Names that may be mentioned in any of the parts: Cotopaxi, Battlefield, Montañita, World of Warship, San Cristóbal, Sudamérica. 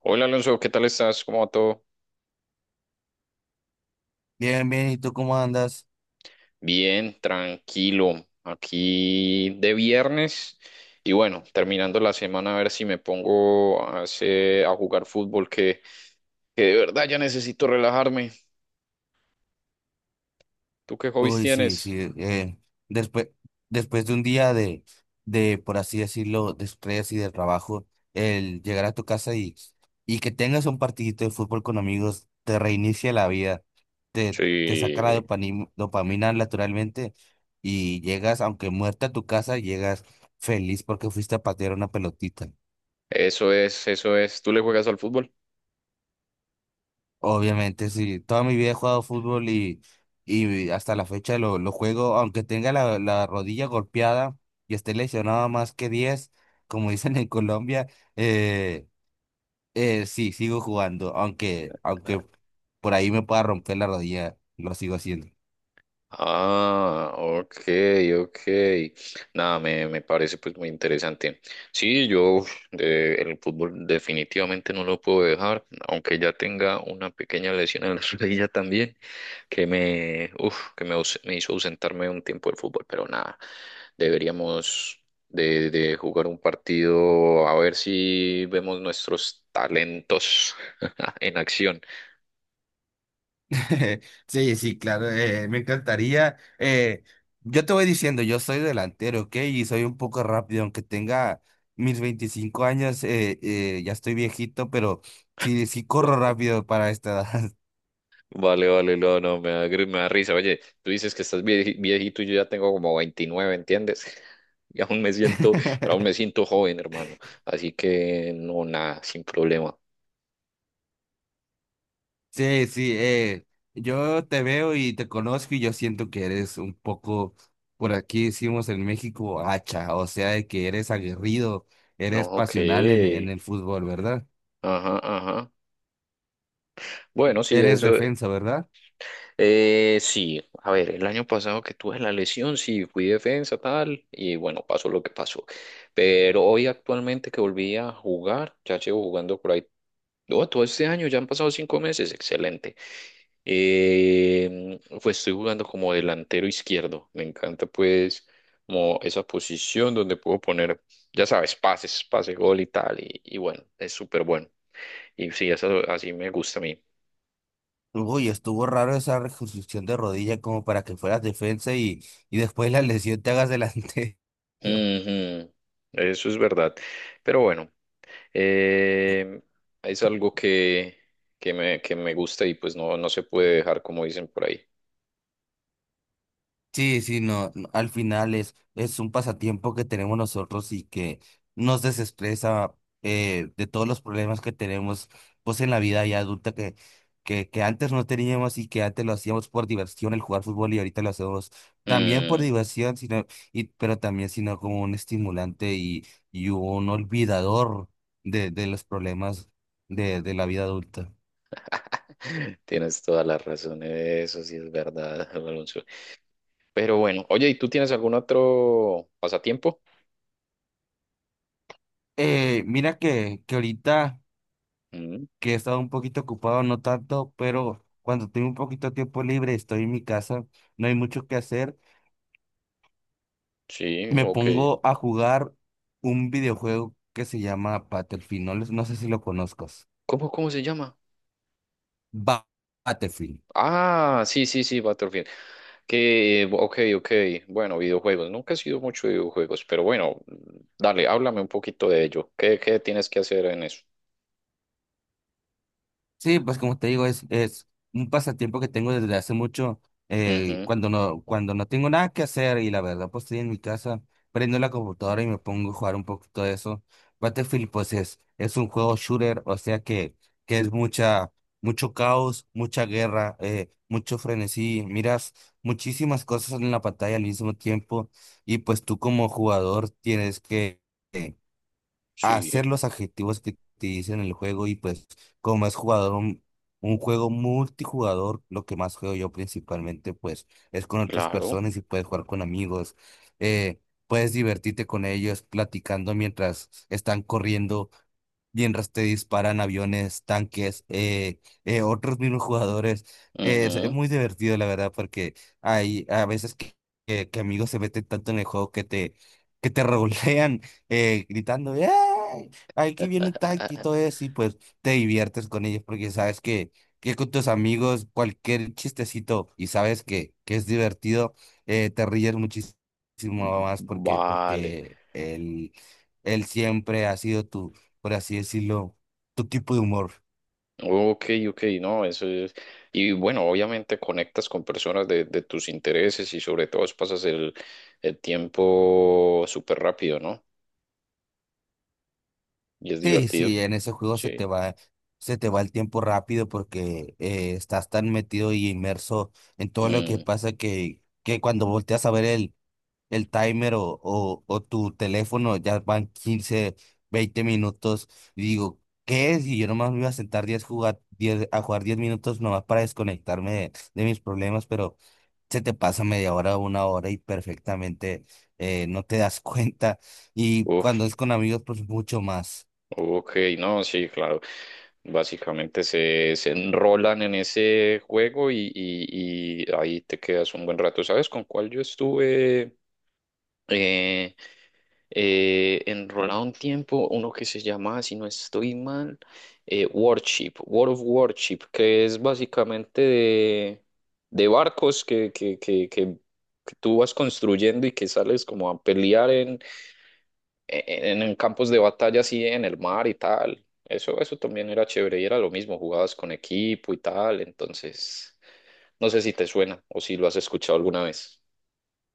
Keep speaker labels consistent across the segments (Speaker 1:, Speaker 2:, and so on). Speaker 1: Hola Alonso, ¿qué tal estás? ¿Cómo va todo?
Speaker 2: Bien, bien, ¿y tú cómo andas?
Speaker 1: Bien, tranquilo. Aquí de viernes y bueno, terminando la semana, a ver si me pongo a jugar fútbol, que de verdad ya necesito relajarme. ¿Tú qué hobbies
Speaker 2: Uy, sí,
Speaker 1: tienes?
Speaker 2: sí, después, después de un día de, por así decirlo, de estrés y de trabajo, el llegar a tu casa y que tengas un partidito de fútbol con amigos, te reinicia la vida, te saca la
Speaker 1: Sí,
Speaker 2: dopamina naturalmente y llegas, aunque muerta a tu casa, llegas feliz porque fuiste a patear una pelotita.
Speaker 1: eso es, eso es. ¿Tú le juegas al fútbol?
Speaker 2: Obviamente, sí. Toda mi vida he jugado fútbol y, hasta la fecha lo juego, aunque tenga la rodilla golpeada y esté lesionado más que 10 como dicen en Colombia, eh, sí, sigo jugando, aunque por ahí me pueda romper la rodilla, lo sigo haciendo.
Speaker 1: Ah, ok, ok. Nada, me parece pues muy interesante. Sí, yo uf, el fútbol definitivamente no lo puedo dejar, aunque ya tenga una pequeña lesión en la rodilla también, que me, uf, que me, aus- me hizo ausentarme un tiempo del fútbol, pero nada, deberíamos de jugar un partido a ver si vemos nuestros talentos en acción.
Speaker 2: Sí, sí, claro, me encantaría. Yo te voy diciendo, yo soy delantero, ¿ok? Y soy un poco rápido, aunque tenga mis 25 años. Ya estoy viejito, pero sí, sí corro rápido para esta edad.
Speaker 1: Vale, vale, no, no, me da risa. Oye, tú dices que estás viejito y yo ya tengo como 29, ¿entiendes? Y aún me siento, pero aún me siento joven, hermano. Así que no, nada, sin problema.
Speaker 2: Sí, sí, yo te veo y te conozco y yo siento que eres un poco, por aquí decimos en México, hacha, o sea, de que eres aguerrido,
Speaker 1: No,
Speaker 2: eres
Speaker 1: ok.
Speaker 2: pasional en el fútbol, ¿verdad?
Speaker 1: Ajá, ajá. Bueno, sí,
Speaker 2: Eres
Speaker 1: eso.
Speaker 2: defensa, ¿verdad?
Speaker 1: Sí, a ver, el año pasado que tuve la lesión, sí, fui defensa, tal, y bueno, pasó lo que pasó. Pero hoy actualmente que volví a jugar, ya llevo jugando por ahí. Oh, todo este año, ya han pasado 5 meses, excelente. Pues estoy jugando como delantero izquierdo. Me encanta pues como esa posición donde puedo poner, ya sabes, pases, pase, gol y tal. Y bueno, es súper bueno. Y sí, eso así me gusta a mí.
Speaker 2: Uy, estuvo raro esa reconstrucción de rodilla como para que fueras defensa y después la lesión te hagas delantero.
Speaker 1: Ujú. Eso es verdad. Pero bueno, eh, es algo que me gusta y pues no, no se puede dejar como dicen por ahí.
Speaker 2: Sí, sí, no, no, al final es un pasatiempo que tenemos nosotros y que nos desestresa de todos los problemas que tenemos pues en la vida ya adulta que antes no teníamos y que antes lo hacíamos por diversión el jugar fútbol y ahorita lo hacemos también por
Speaker 1: Mm.
Speaker 2: diversión, sino, pero también sino como un estimulante y un olvidador de los problemas de la vida adulta.
Speaker 1: Tienes toda la razón, eso sí es verdad, Alonso. Pero bueno, oye, ¿y tú tienes algún otro pasatiempo?
Speaker 2: Mira que ahorita
Speaker 1: Mm,
Speaker 2: que he estado un poquito ocupado, no tanto, pero cuando tengo un poquito de tiempo libre, estoy en mi casa, no hay mucho que hacer,
Speaker 1: sí,
Speaker 2: me
Speaker 1: ok.
Speaker 2: pongo a jugar un videojuego que se llama Battlefield, no, no sé si lo conozcas.
Speaker 1: ¿Cómo se llama?
Speaker 2: Ba- Battlefield.
Speaker 1: Ah, sí, sí, sí, Battlefield. Que, ok, ok. Bueno, videojuegos. Nunca he sido mucho de videojuegos, pero bueno, dale, háblame un poquito de ello. ¿Qué tienes que hacer en eso?
Speaker 2: Sí, pues como te digo, es un pasatiempo que tengo desde hace mucho,
Speaker 1: Ujú,
Speaker 2: cuando no tengo nada que hacer y la verdad, pues estoy en mi casa, prendo la computadora y me pongo a jugar un poquito de eso. Battlefield, pues es un juego shooter, o sea que es mucha, mucho caos, mucha guerra, mucho frenesí, miras muchísimas cosas en la pantalla al mismo tiempo y pues tú como jugador tienes que a hacer
Speaker 1: sí,
Speaker 2: los adjetivos que te dicen en el juego y pues como es jugador un juego multijugador, lo que más juego yo principalmente pues es con otras
Speaker 1: claro.
Speaker 2: personas y puedes jugar con amigos. eh, Puedes divertirte con ellos platicando mientras están corriendo, mientras te disparan aviones, tanques, otros mismos jugadores. Es
Speaker 1: Ujú.
Speaker 2: muy divertido la verdad porque hay a veces que amigos se meten tanto en el juego que te, que te rolean gritando, ¡ay! Aquí viene un tanque y todo eso, y pues te diviertes con ellos porque sabes que con tus amigos cualquier chistecito y sabes que es divertido. Te ríes muchísimo más porque,
Speaker 1: Vale.
Speaker 2: porque él siempre ha sido tu, por así decirlo, tu tipo de humor.
Speaker 1: Ok, ok, no, eso es. Y bueno, obviamente conectas con personas de tus intereses y sobre todo pasas el tiempo súper rápido, ¿no? Y es
Speaker 2: Sí,
Speaker 1: divertido.
Speaker 2: sí, en ese juego
Speaker 1: Sí.
Speaker 2: se te va el tiempo rápido porque estás tan metido y inmerso en todo lo que
Speaker 1: Mm,
Speaker 2: pasa que cuando volteas a ver el timer o tu teléfono, ya van quince, 20 minutos, y digo, ¿qué es? Y yo nomás me iba a sentar 10 jugar, 10 a jugar 10 minutos nomás para desconectarme de mis problemas, pero se te pasa media hora, una hora y perfectamente no te das cuenta. Y cuando es
Speaker 1: uf,
Speaker 2: con amigos, pues mucho más.
Speaker 1: ok, no, sí, claro. Básicamente se enrolan en ese juego y ahí te quedas un buen rato. ¿Sabes con cuál yo estuve? eh, Enrolado un tiempo, uno que se llama, si no estoy mal, Warship, World of Warship, que es básicamente de barcos que que tú vas construyendo y que sales como a pelear en campos de batalla así en el mar y tal. Eso también era chévere y era lo mismo, jugabas con equipo y tal, entonces no sé si te suena o si lo has escuchado alguna vez.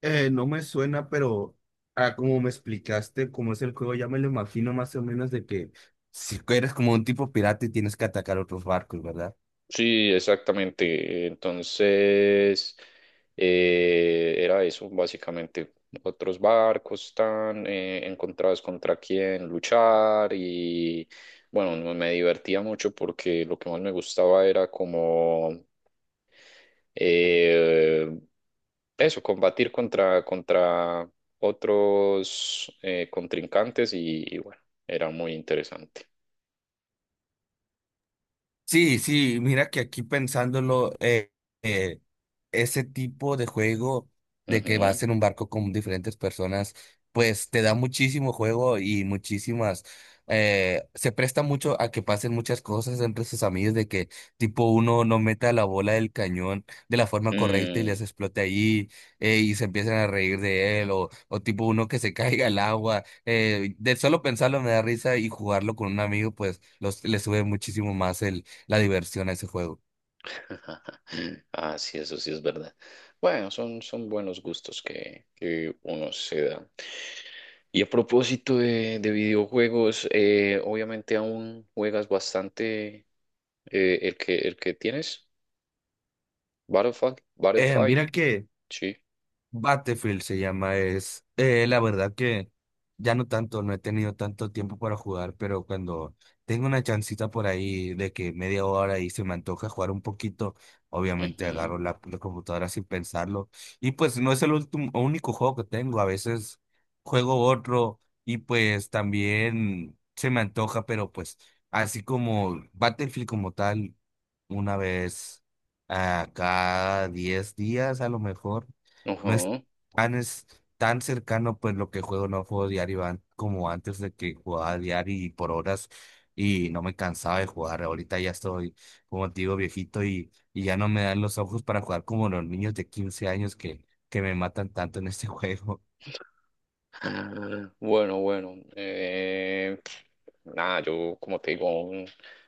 Speaker 2: No me suena, pero ah, como me explicaste cómo es el juego, ya me lo imagino más o menos de que si eres como un tipo pirata y tienes que atacar otros barcos, ¿verdad?
Speaker 1: Sí, exactamente. Entonces, era eso, básicamente. Otros barcos están encontrados contra quién luchar y bueno, me divertía mucho porque lo que más me gustaba era como eh, eso, combatir contra otros contrincantes y bueno, era muy interesante.
Speaker 2: Sí, sí, mira que aquí pensándolo, eh, ese tipo de juego de que
Speaker 1: Ujú.
Speaker 2: vas en un barco con diferentes personas, pues te da muchísimo juego y muchísimas, se presta mucho a que pasen muchas cosas entre sus amigos, de que tipo uno no meta la bola del cañón de la forma correcta y
Speaker 1: Mm.
Speaker 2: les explote ahí. Y se empiezan a reír de él, o tipo uno que se caiga al agua. De solo pensarlo me da risa y jugarlo con un amigo, pues le sube muchísimo más la diversión a ese juego.
Speaker 1: Ah, sí, eso sí es verdad. Bueno, son buenos gustos que uno se da. Y a propósito de videojuegos, obviamente aún juegas bastante, el que tienes, Battlefield, Battlefield,
Speaker 2: Mira que
Speaker 1: sí.
Speaker 2: Battlefield se llama, es la verdad que ya no tanto, no he tenido tanto tiempo para jugar, pero cuando tengo una chancita por ahí de que media hora y se me antoja jugar un poquito, obviamente
Speaker 1: Ujú,
Speaker 2: agarro la computadora sin pensarlo. Y pues no es el último, único juego que tengo, a veces juego otro y pues también se me antoja, pero pues así como Battlefield como tal, una vez a cada 10 días a lo mejor. No es
Speaker 1: ujú.
Speaker 2: tan, Es tan cercano pues lo que juego, no juego diario como antes de que jugaba diario y por horas y no me cansaba de jugar. Ahorita ya estoy, como te digo, viejito y ya no me dan los ojos para jugar como los niños de 15 años que me matan tanto en este juego.
Speaker 1: Ah, bueno, bueno. Nada, yo como te digo, aún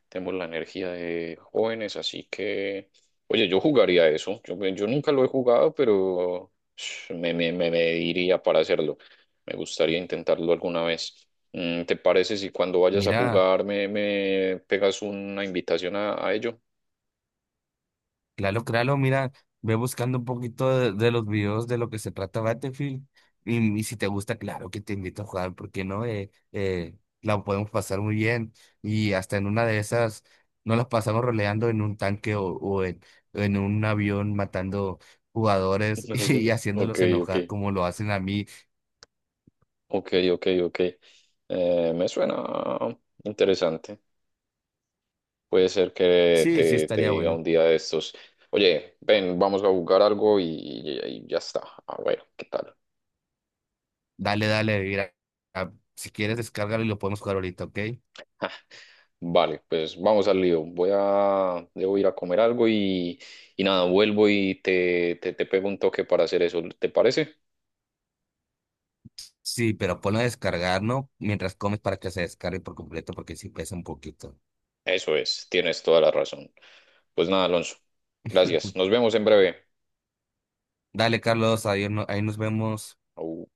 Speaker 1: tengo la energía de jóvenes, así que, oye, yo jugaría eso. Yo nunca lo he jugado, pero sh, me diría para hacerlo. Me gustaría intentarlo alguna vez. ¿Te parece si cuando vayas a
Speaker 2: Mira.
Speaker 1: jugar me pegas una invitación a ello?
Speaker 2: Claro, claro, mira, ve buscando un poquito de los videos de lo que se trata Battlefield. Y si te gusta, claro que te invito a jugar, porque no. La podemos pasar muy bien. Y hasta en una de esas, no las pasamos roleando en un tanque en un avión matando jugadores
Speaker 1: No,
Speaker 2: y
Speaker 1: Ok,
Speaker 2: haciéndolos
Speaker 1: ok,
Speaker 2: enojar como lo hacen a mí.
Speaker 1: ok, ok, ok. Me suena interesante. Puede ser que
Speaker 2: Sí, sí,
Speaker 1: te
Speaker 2: estaría
Speaker 1: diga
Speaker 2: bueno.
Speaker 1: un día de estos, oye, ven, vamos a jugar algo y ya está. Ah, bueno, ¿qué tal?
Speaker 2: Dale, dale, mira, a- si quieres, descárgalo y lo podemos jugar ahorita, ¿ok?
Speaker 1: Vale, pues vamos al lío. Debo ir a comer algo y nada, vuelvo y te pego un toque para hacer eso. ¿Te parece?
Speaker 2: Sí, pero ponlo a descargar, ¿no? Mientras comes para que se descargue por completo porque sí pesa un poquito.
Speaker 1: Eso es, tienes toda la razón. Pues nada, Alonso. Gracias. Nos vemos en breve.
Speaker 2: Dale, Carlos, adiós, ahí nos vemos.
Speaker 1: Au.